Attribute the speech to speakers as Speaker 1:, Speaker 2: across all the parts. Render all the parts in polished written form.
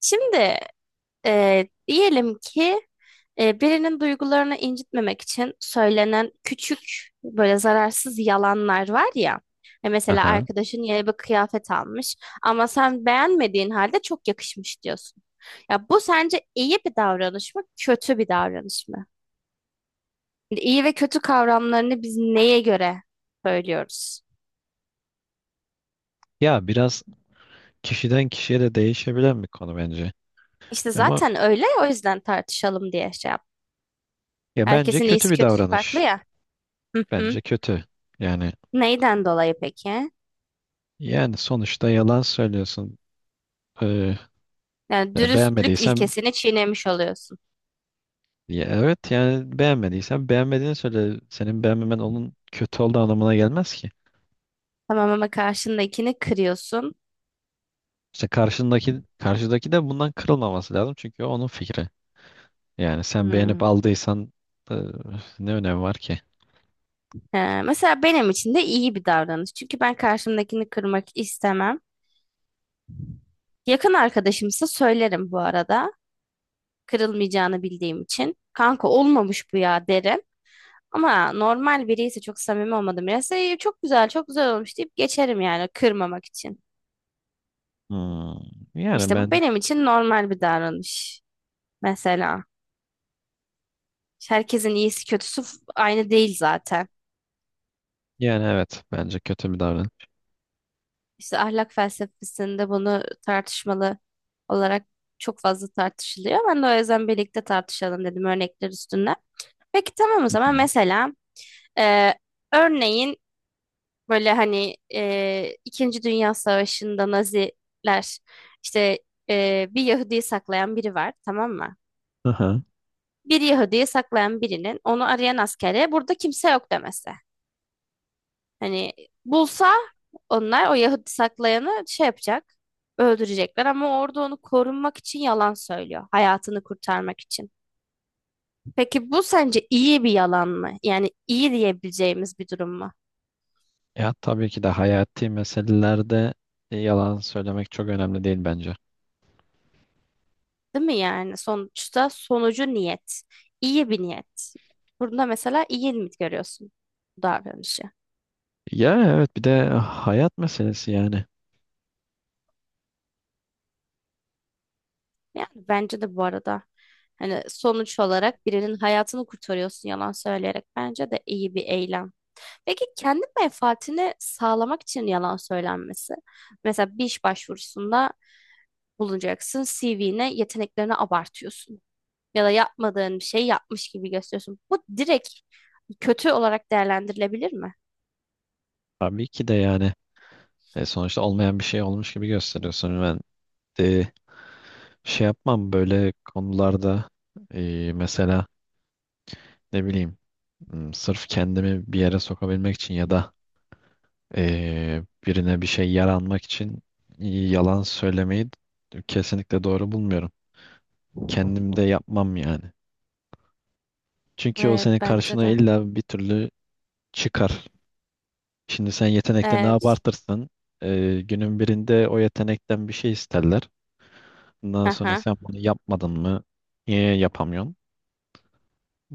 Speaker 1: Şimdi diyelim ki birinin duygularını incitmemek için söylenen küçük böyle zararsız yalanlar var ya. Mesela
Speaker 2: Aha.
Speaker 1: arkadaşın yeni bir kıyafet almış ama sen beğenmediğin halde çok yakışmış diyorsun. Ya bu sence iyi bir davranış mı, kötü bir davranış mı? Şimdi İyi ve kötü kavramlarını biz neye göre söylüyoruz?
Speaker 2: Ya biraz kişiden kişiye de değişebilen bir konu bence.
Speaker 1: İşte
Speaker 2: Ama
Speaker 1: zaten öyle, o yüzden tartışalım diye şey yap.
Speaker 2: ya bence
Speaker 1: Herkesin
Speaker 2: kötü
Speaker 1: iyisi
Speaker 2: bir
Speaker 1: kötüsü farklı
Speaker 2: davranış.
Speaker 1: ya. Hı hı.
Speaker 2: Bence kötü. Yani
Speaker 1: Neyden dolayı peki?
Speaker 2: yani sonuçta yalan söylüyorsun. Ee,
Speaker 1: Yani
Speaker 2: ya
Speaker 1: dürüstlük
Speaker 2: beğenmediysen
Speaker 1: ilkesini çiğnemiş oluyorsun.
Speaker 2: ya evet yani beğenmediysen beğenmediğini söyle. Senin beğenmemen onun kötü olduğu anlamına gelmez ki.
Speaker 1: Tamam ama karşındakini kırıyorsun.
Speaker 2: İşte karşıdaki de bundan kırılmaması lazım çünkü o onun fikri. Yani sen
Speaker 1: Hmm.
Speaker 2: beğenip aldıysan ee, ne önemi var ki?
Speaker 1: He, mesela benim için de iyi bir davranış. Çünkü ben karşımdakini kırmak istemem. Yakın arkadaşımsa söylerim bu arada. Kırılmayacağını bildiğim için. Kanka olmamış bu ya derim. Ama normal biri ise çok samimi olmadım. Birisi "İyi, çok güzel çok güzel olmuş" deyip geçerim yani kırmamak için.
Speaker 2: Hmm. Yani
Speaker 1: İşte bu
Speaker 2: ben
Speaker 1: benim için normal bir davranış. Mesela herkesin iyisi kötüsü aynı değil zaten.
Speaker 2: Yani evet bence kötü bir davranış.
Speaker 1: İşte ahlak felsefesinde bunu tartışmalı olarak çok fazla tartışılıyor. Ben de o yüzden birlikte tartışalım dedim örnekler üstünden. Peki tamam, o
Speaker 2: Hı
Speaker 1: zaman
Speaker 2: hı.
Speaker 1: mesela e, örneğin böyle hani İkinci Dünya Savaşı'nda Naziler işte bir Yahudi'yi saklayan biri var, tamam mı?
Speaker 2: Aha.
Speaker 1: Bir Yahudi'yi saklayan birinin onu arayan askere burada kimse yok demesi. Hani bulsa onlar o Yahudi saklayanı şey yapacak. Öldürecekler ama orada onu korunmak için yalan söylüyor. Hayatını kurtarmak için. Peki bu sence iyi bir yalan mı? Yani iyi diyebileceğimiz bir durum mu?
Speaker 2: Ya tabii ki de hayati meselelerde yalan söylemek çok önemli değil bence.
Speaker 1: Değil mi yani? Sonuçta sonucu niyet. İyi bir niyet. Burada mesela iyi mi görüyorsun bu davranışı?
Speaker 2: Ya evet bir de hayat meselesi yani.
Speaker 1: Yani bence de bu arada hani sonuç olarak birinin hayatını kurtarıyorsun yalan söyleyerek. Bence de iyi bir eylem. Peki kendi menfaatini sağlamak için yalan söylenmesi. Mesela bir iş başvurusunda bulunacaksın, CV'ne yeteneklerini abartıyorsun. Ya da yapmadığın bir şey yapmış gibi gösteriyorsun. Bu direkt kötü olarak değerlendirilebilir mi?
Speaker 2: Tabii ki de yani sonuçta olmayan bir şey olmuş gibi gösteriyorsun. E, Şey yapmam böyle konularda, mesela, ne bileyim, sırf kendimi bir yere sokabilmek için ya da birine bir şey yaranmak için yalan söylemeyi kesinlikle doğru bulmuyorum. Kendim de yapmam yani. Çünkü o
Speaker 1: Evet
Speaker 2: senin
Speaker 1: bence
Speaker 2: karşına
Speaker 1: de.
Speaker 2: illa bir türlü çıkar. Şimdi sen yetenekte ne
Speaker 1: Evet.
Speaker 2: abartırsan günün birinde o yetenekten bir şey isterler. Bundan sonra
Speaker 1: Aha.
Speaker 2: sen bunu yapmadın mı? Niye yapamıyorsun?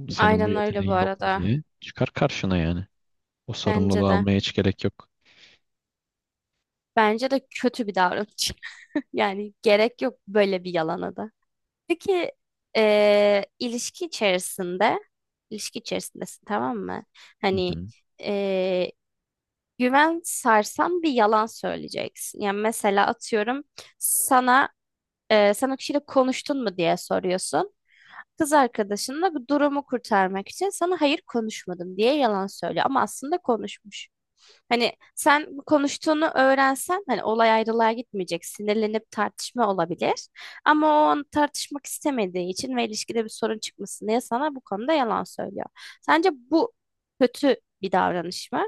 Speaker 2: Senin bu
Speaker 1: Aynen öyle bu
Speaker 2: yeteneğin yok mu
Speaker 1: arada.
Speaker 2: diye çıkar karşına yani. O sorumluluğu
Speaker 1: Bence de.
Speaker 2: almaya hiç gerek yok.
Speaker 1: Bence de kötü bir davranış. Yani gerek yok böyle bir yalana da. Peki eee, ilişki içerisinde ilişki içerisindesin, tamam mı?
Speaker 2: Hı
Speaker 1: Hani
Speaker 2: hı.
Speaker 1: eee, güven sarsan bir yalan söyleyeceksin. Yani mesela atıyorum sana sen o kişiyle konuştun mu diye soruyorsun kız arkadaşınla, bu durumu kurtarmak için sana hayır konuşmadım diye yalan söylüyor ama aslında konuşmuş. Hani sen bu konuştuğunu öğrensen hani olay ayrılığa gitmeyecek, sinirlenip tartışma olabilir. Ama o an tartışmak istemediği için ve ilişkide bir sorun çıkmasın diye sana bu konuda yalan söylüyor. Sence bu kötü bir davranış mı?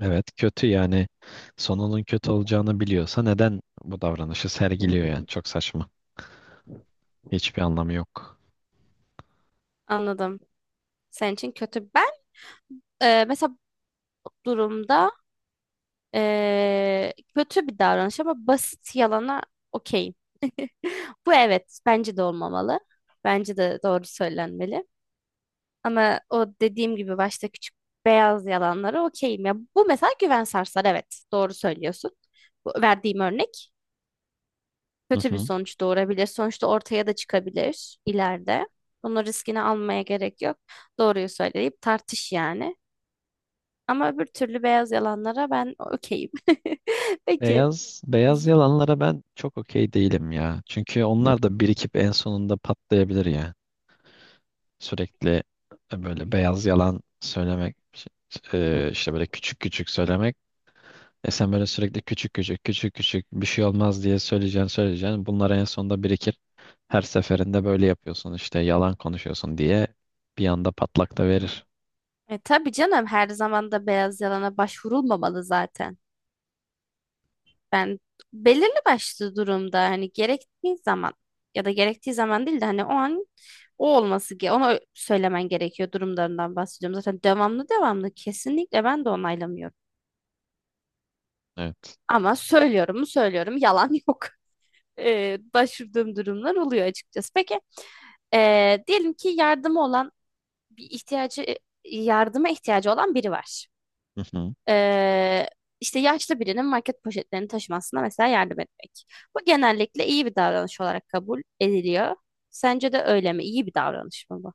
Speaker 2: Evet kötü, yani sonunun kötü olacağını biliyorsa neden bu davranışı sergiliyor yani? Çok saçma. Hiçbir anlamı yok.
Speaker 1: Anladım. Senin için kötü. Ben mesela bu durumda kötü bir davranış ama basit yalana okeyim. Bu, evet, bence de olmamalı. Bence de doğru söylenmeli. Ama o dediğim gibi başta küçük beyaz yalanlara okeyim. Ya bu mesela güven sarsar, evet doğru söylüyorsun. Bu verdiğim örnek
Speaker 2: Hı
Speaker 1: kötü bir
Speaker 2: hı.
Speaker 1: sonuç doğurabilir. Sonuçta ortaya da çıkabilir ileride. Bunun riskini almaya gerek yok. Doğruyu söyleyip tartış yani. Ama öbür türlü beyaz yalanlara ben okeyim. Peki.
Speaker 2: Beyaz beyaz
Speaker 1: Y-
Speaker 2: yalanlara ben çok okey değilim ya. Çünkü onlar da birikip en sonunda patlayabilir ya. Sürekli böyle beyaz yalan söylemek, işte böyle küçük küçük söylemek. E, sen böyle sürekli küçük küçük küçük küçük bir şey olmaz diye söyleyeceksin. Bunlar en sonunda birikir. Her seferinde böyle yapıyorsun işte yalan konuşuyorsun diye bir anda patlak da verir.
Speaker 1: Tabii canım, her zaman da beyaz yalana başvurulmamalı zaten. Ben belirli başlı durumda hani gerektiği zaman ya da gerektiği zaman değil de hani o an o olması ge ona söylemen gerekiyor durumlarından bahsediyorum. Zaten devamlı devamlı kesinlikle ben de onaylamıyorum.
Speaker 2: Evet.
Speaker 1: Ama söylüyorum mu söylüyorum, yalan yok. Başvurduğum durumlar oluyor açıkçası. Peki diyelim ki yardımı olan bir ihtiyacı yardıma ihtiyacı olan biri var.
Speaker 2: Hı hı.
Speaker 1: Ee, işte yaşlı birinin market poşetlerini taşımasına mesela yardım etmek. Bu genellikle iyi bir davranış olarak kabul ediliyor. Sence de öyle mi? İyi bir davranış mı bu?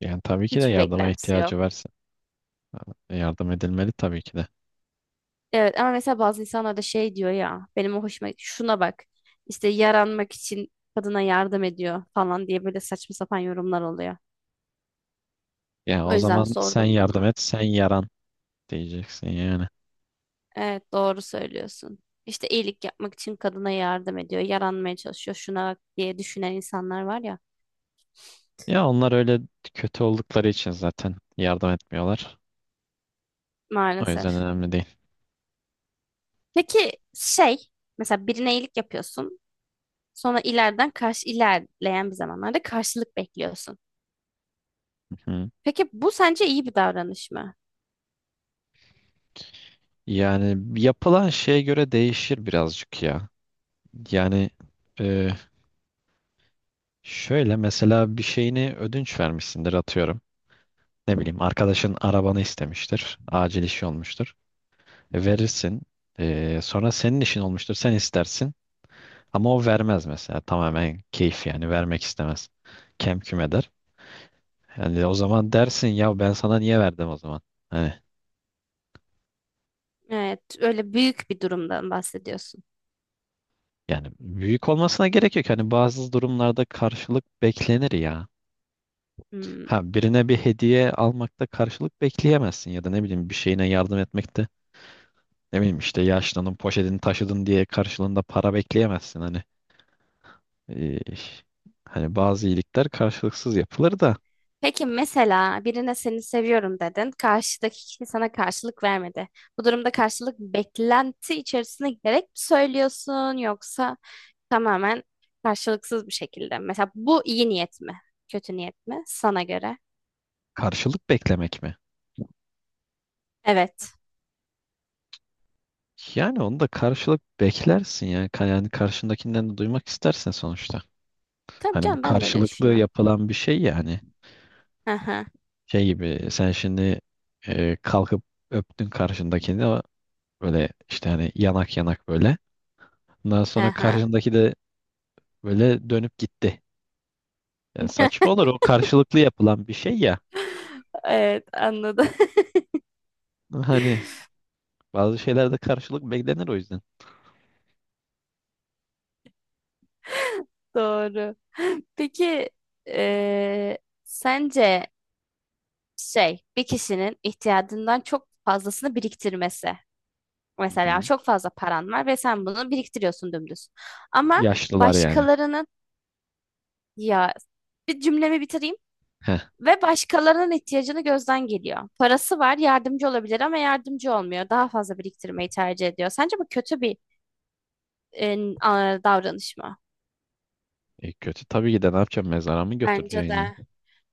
Speaker 2: Yani tabii ki de
Speaker 1: Hiçbir
Speaker 2: yardıma
Speaker 1: beklentisi yok.
Speaker 2: ihtiyacı varsa yardım edilmeli tabii ki de.
Speaker 1: Evet ama mesela bazı insanlar da şey diyor ya, benim o hoşuma, şuna bak işte yaranmak için kadına yardım ediyor falan diye böyle saçma sapan yorumlar oluyor.
Speaker 2: Ya
Speaker 1: O
Speaker 2: o
Speaker 1: yüzden
Speaker 2: zaman sen
Speaker 1: sordum
Speaker 2: yardım
Speaker 1: bunu.
Speaker 2: et, sen yaran diyeceksin yani.
Speaker 1: Evet doğru söylüyorsun. İşte iyilik yapmak için kadına yardım ediyor, yaranmaya çalışıyor şuna bak diye düşünen insanlar var ya
Speaker 2: Ya onlar öyle kötü oldukları için zaten yardım etmiyorlar. O yüzden
Speaker 1: maalesef.
Speaker 2: önemli değil.
Speaker 1: Peki şey, mesela birine iyilik yapıyorsun. Sonra ileriden karşı ilerleyen bir zamanlarda karşılık bekliyorsun.
Speaker 2: Hı.
Speaker 1: Peki bu sence iyi bir davranış mı?
Speaker 2: Yani yapılan şeye göre değişir birazcık ya. Yani e, Şöyle, mesela bir şeyini ödünç vermişsindir, atıyorum. Ne bileyim, arkadaşın arabanı istemiştir. Acil işi olmuştur. Verirsin. Sonra senin işin olmuştur. Sen istersin. Ama o vermez mesela. Tamamen keyif, yani vermek istemez. Kem küm eder. Yani o zaman dersin ya, ben sana niye verdim o zaman? Hani,
Speaker 1: Evet, öyle büyük bir durumdan bahsediyorsun.
Speaker 2: yani büyük olmasına gerek yok. Hani bazı durumlarda karşılık beklenir ya.
Speaker 1: Hmm.
Speaker 2: Ha, birine bir hediye almakta karşılık bekleyemezsin ya da ne bileyim bir şeyine yardım etmekte. Ne bileyim, işte yaşlının poşetini taşıdın diye karşılığında para bekleyemezsin hani. Ee, hani bazı iyilikler karşılıksız yapılır da
Speaker 1: Peki mesela birine seni seviyorum dedin. Karşıdaki kişi sana karşılık vermedi. Bu durumda karşılık beklenti içerisine girerek mi söylüyorsun yoksa tamamen karşılıksız bir şekilde. Mesela bu iyi niyet mi? Kötü niyet mi? Sana göre.
Speaker 2: karşılık beklemek mi?
Speaker 1: Evet.
Speaker 2: Yani onu da karşılık beklersin ya. Yani karşındakinden de duymak istersen sonuçta.
Speaker 1: Tabii
Speaker 2: Hani bu
Speaker 1: canım, ben de öyle
Speaker 2: karşılıklı
Speaker 1: düşünüyorum.
Speaker 2: yapılan bir şey yani.
Speaker 1: Hı hı.
Speaker 2: Şey gibi, sen şimdi kalkıp öptün karşındakini, ama böyle işte hani yanak yanak böyle. Ondan
Speaker 1: Hı
Speaker 2: sonra
Speaker 1: hı.
Speaker 2: karşındaki de böyle dönüp gitti. Yani saçma olur, o karşılıklı yapılan bir şey ya.
Speaker 1: Evet anladım.
Speaker 2: Hani bazı şeylerde karşılık beklenir o yüzden.
Speaker 1: Doğru. Peki eee, sence şey, bir kişinin ihtiyacından çok fazlasını biriktirmesi.
Speaker 2: Hı
Speaker 1: Mesela
Speaker 2: hı.
Speaker 1: çok fazla paran var ve sen bunu biriktiriyorsun dümdüz. Ama
Speaker 2: Yaşlılar yani.
Speaker 1: başkalarının, ya bir cümlemi bitireyim.
Speaker 2: Heh.
Speaker 1: Ve başkalarının ihtiyacını gözden geliyor. Parası var, yardımcı olabilir ama yardımcı olmuyor. Daha fazla biriktirmeyi tercih ediyor. Sence bu kötü bir davranış mı?
Speaker 2: E, kötü tabii ki de, ne yapacaksın? Mezara mı
Speaker 1: Bence
Speaker 2: götüreceksin ya?
Speaker 1: de.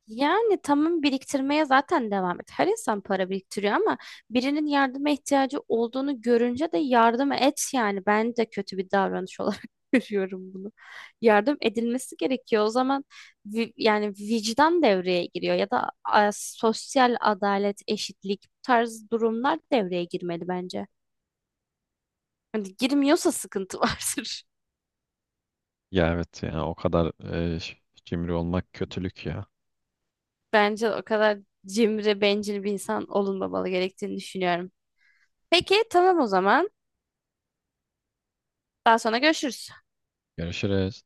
Speaker 1: Yani tamam, biriktirmeye zaten devam et. Her insan para biriktiriyor ama birinin yardıma ihtiyacı olduğunu görünce de yardım et yani. Ben de kötü bir davranış olarak görüyorum bunu. Yardım edilmesi gerekiyor. O zaman yani vicdan devreye giriyor ya da sosyal adalet, eşitlik bu tarz durumlar devreye girmeli bence. Hani girmiyorsa sıkıntı vardır.
Speaker 2: Ya evet, ya o kadar e, ş- cimri olmak kötülük ya.
Speaker 1: Bence o kadar cimri, bencil bir insan olunmamalı gerektiğini düşünüyorum. Peki tamam o zaman. Daha sonra görüşürüz.
Speaker 2: Görüşürüz.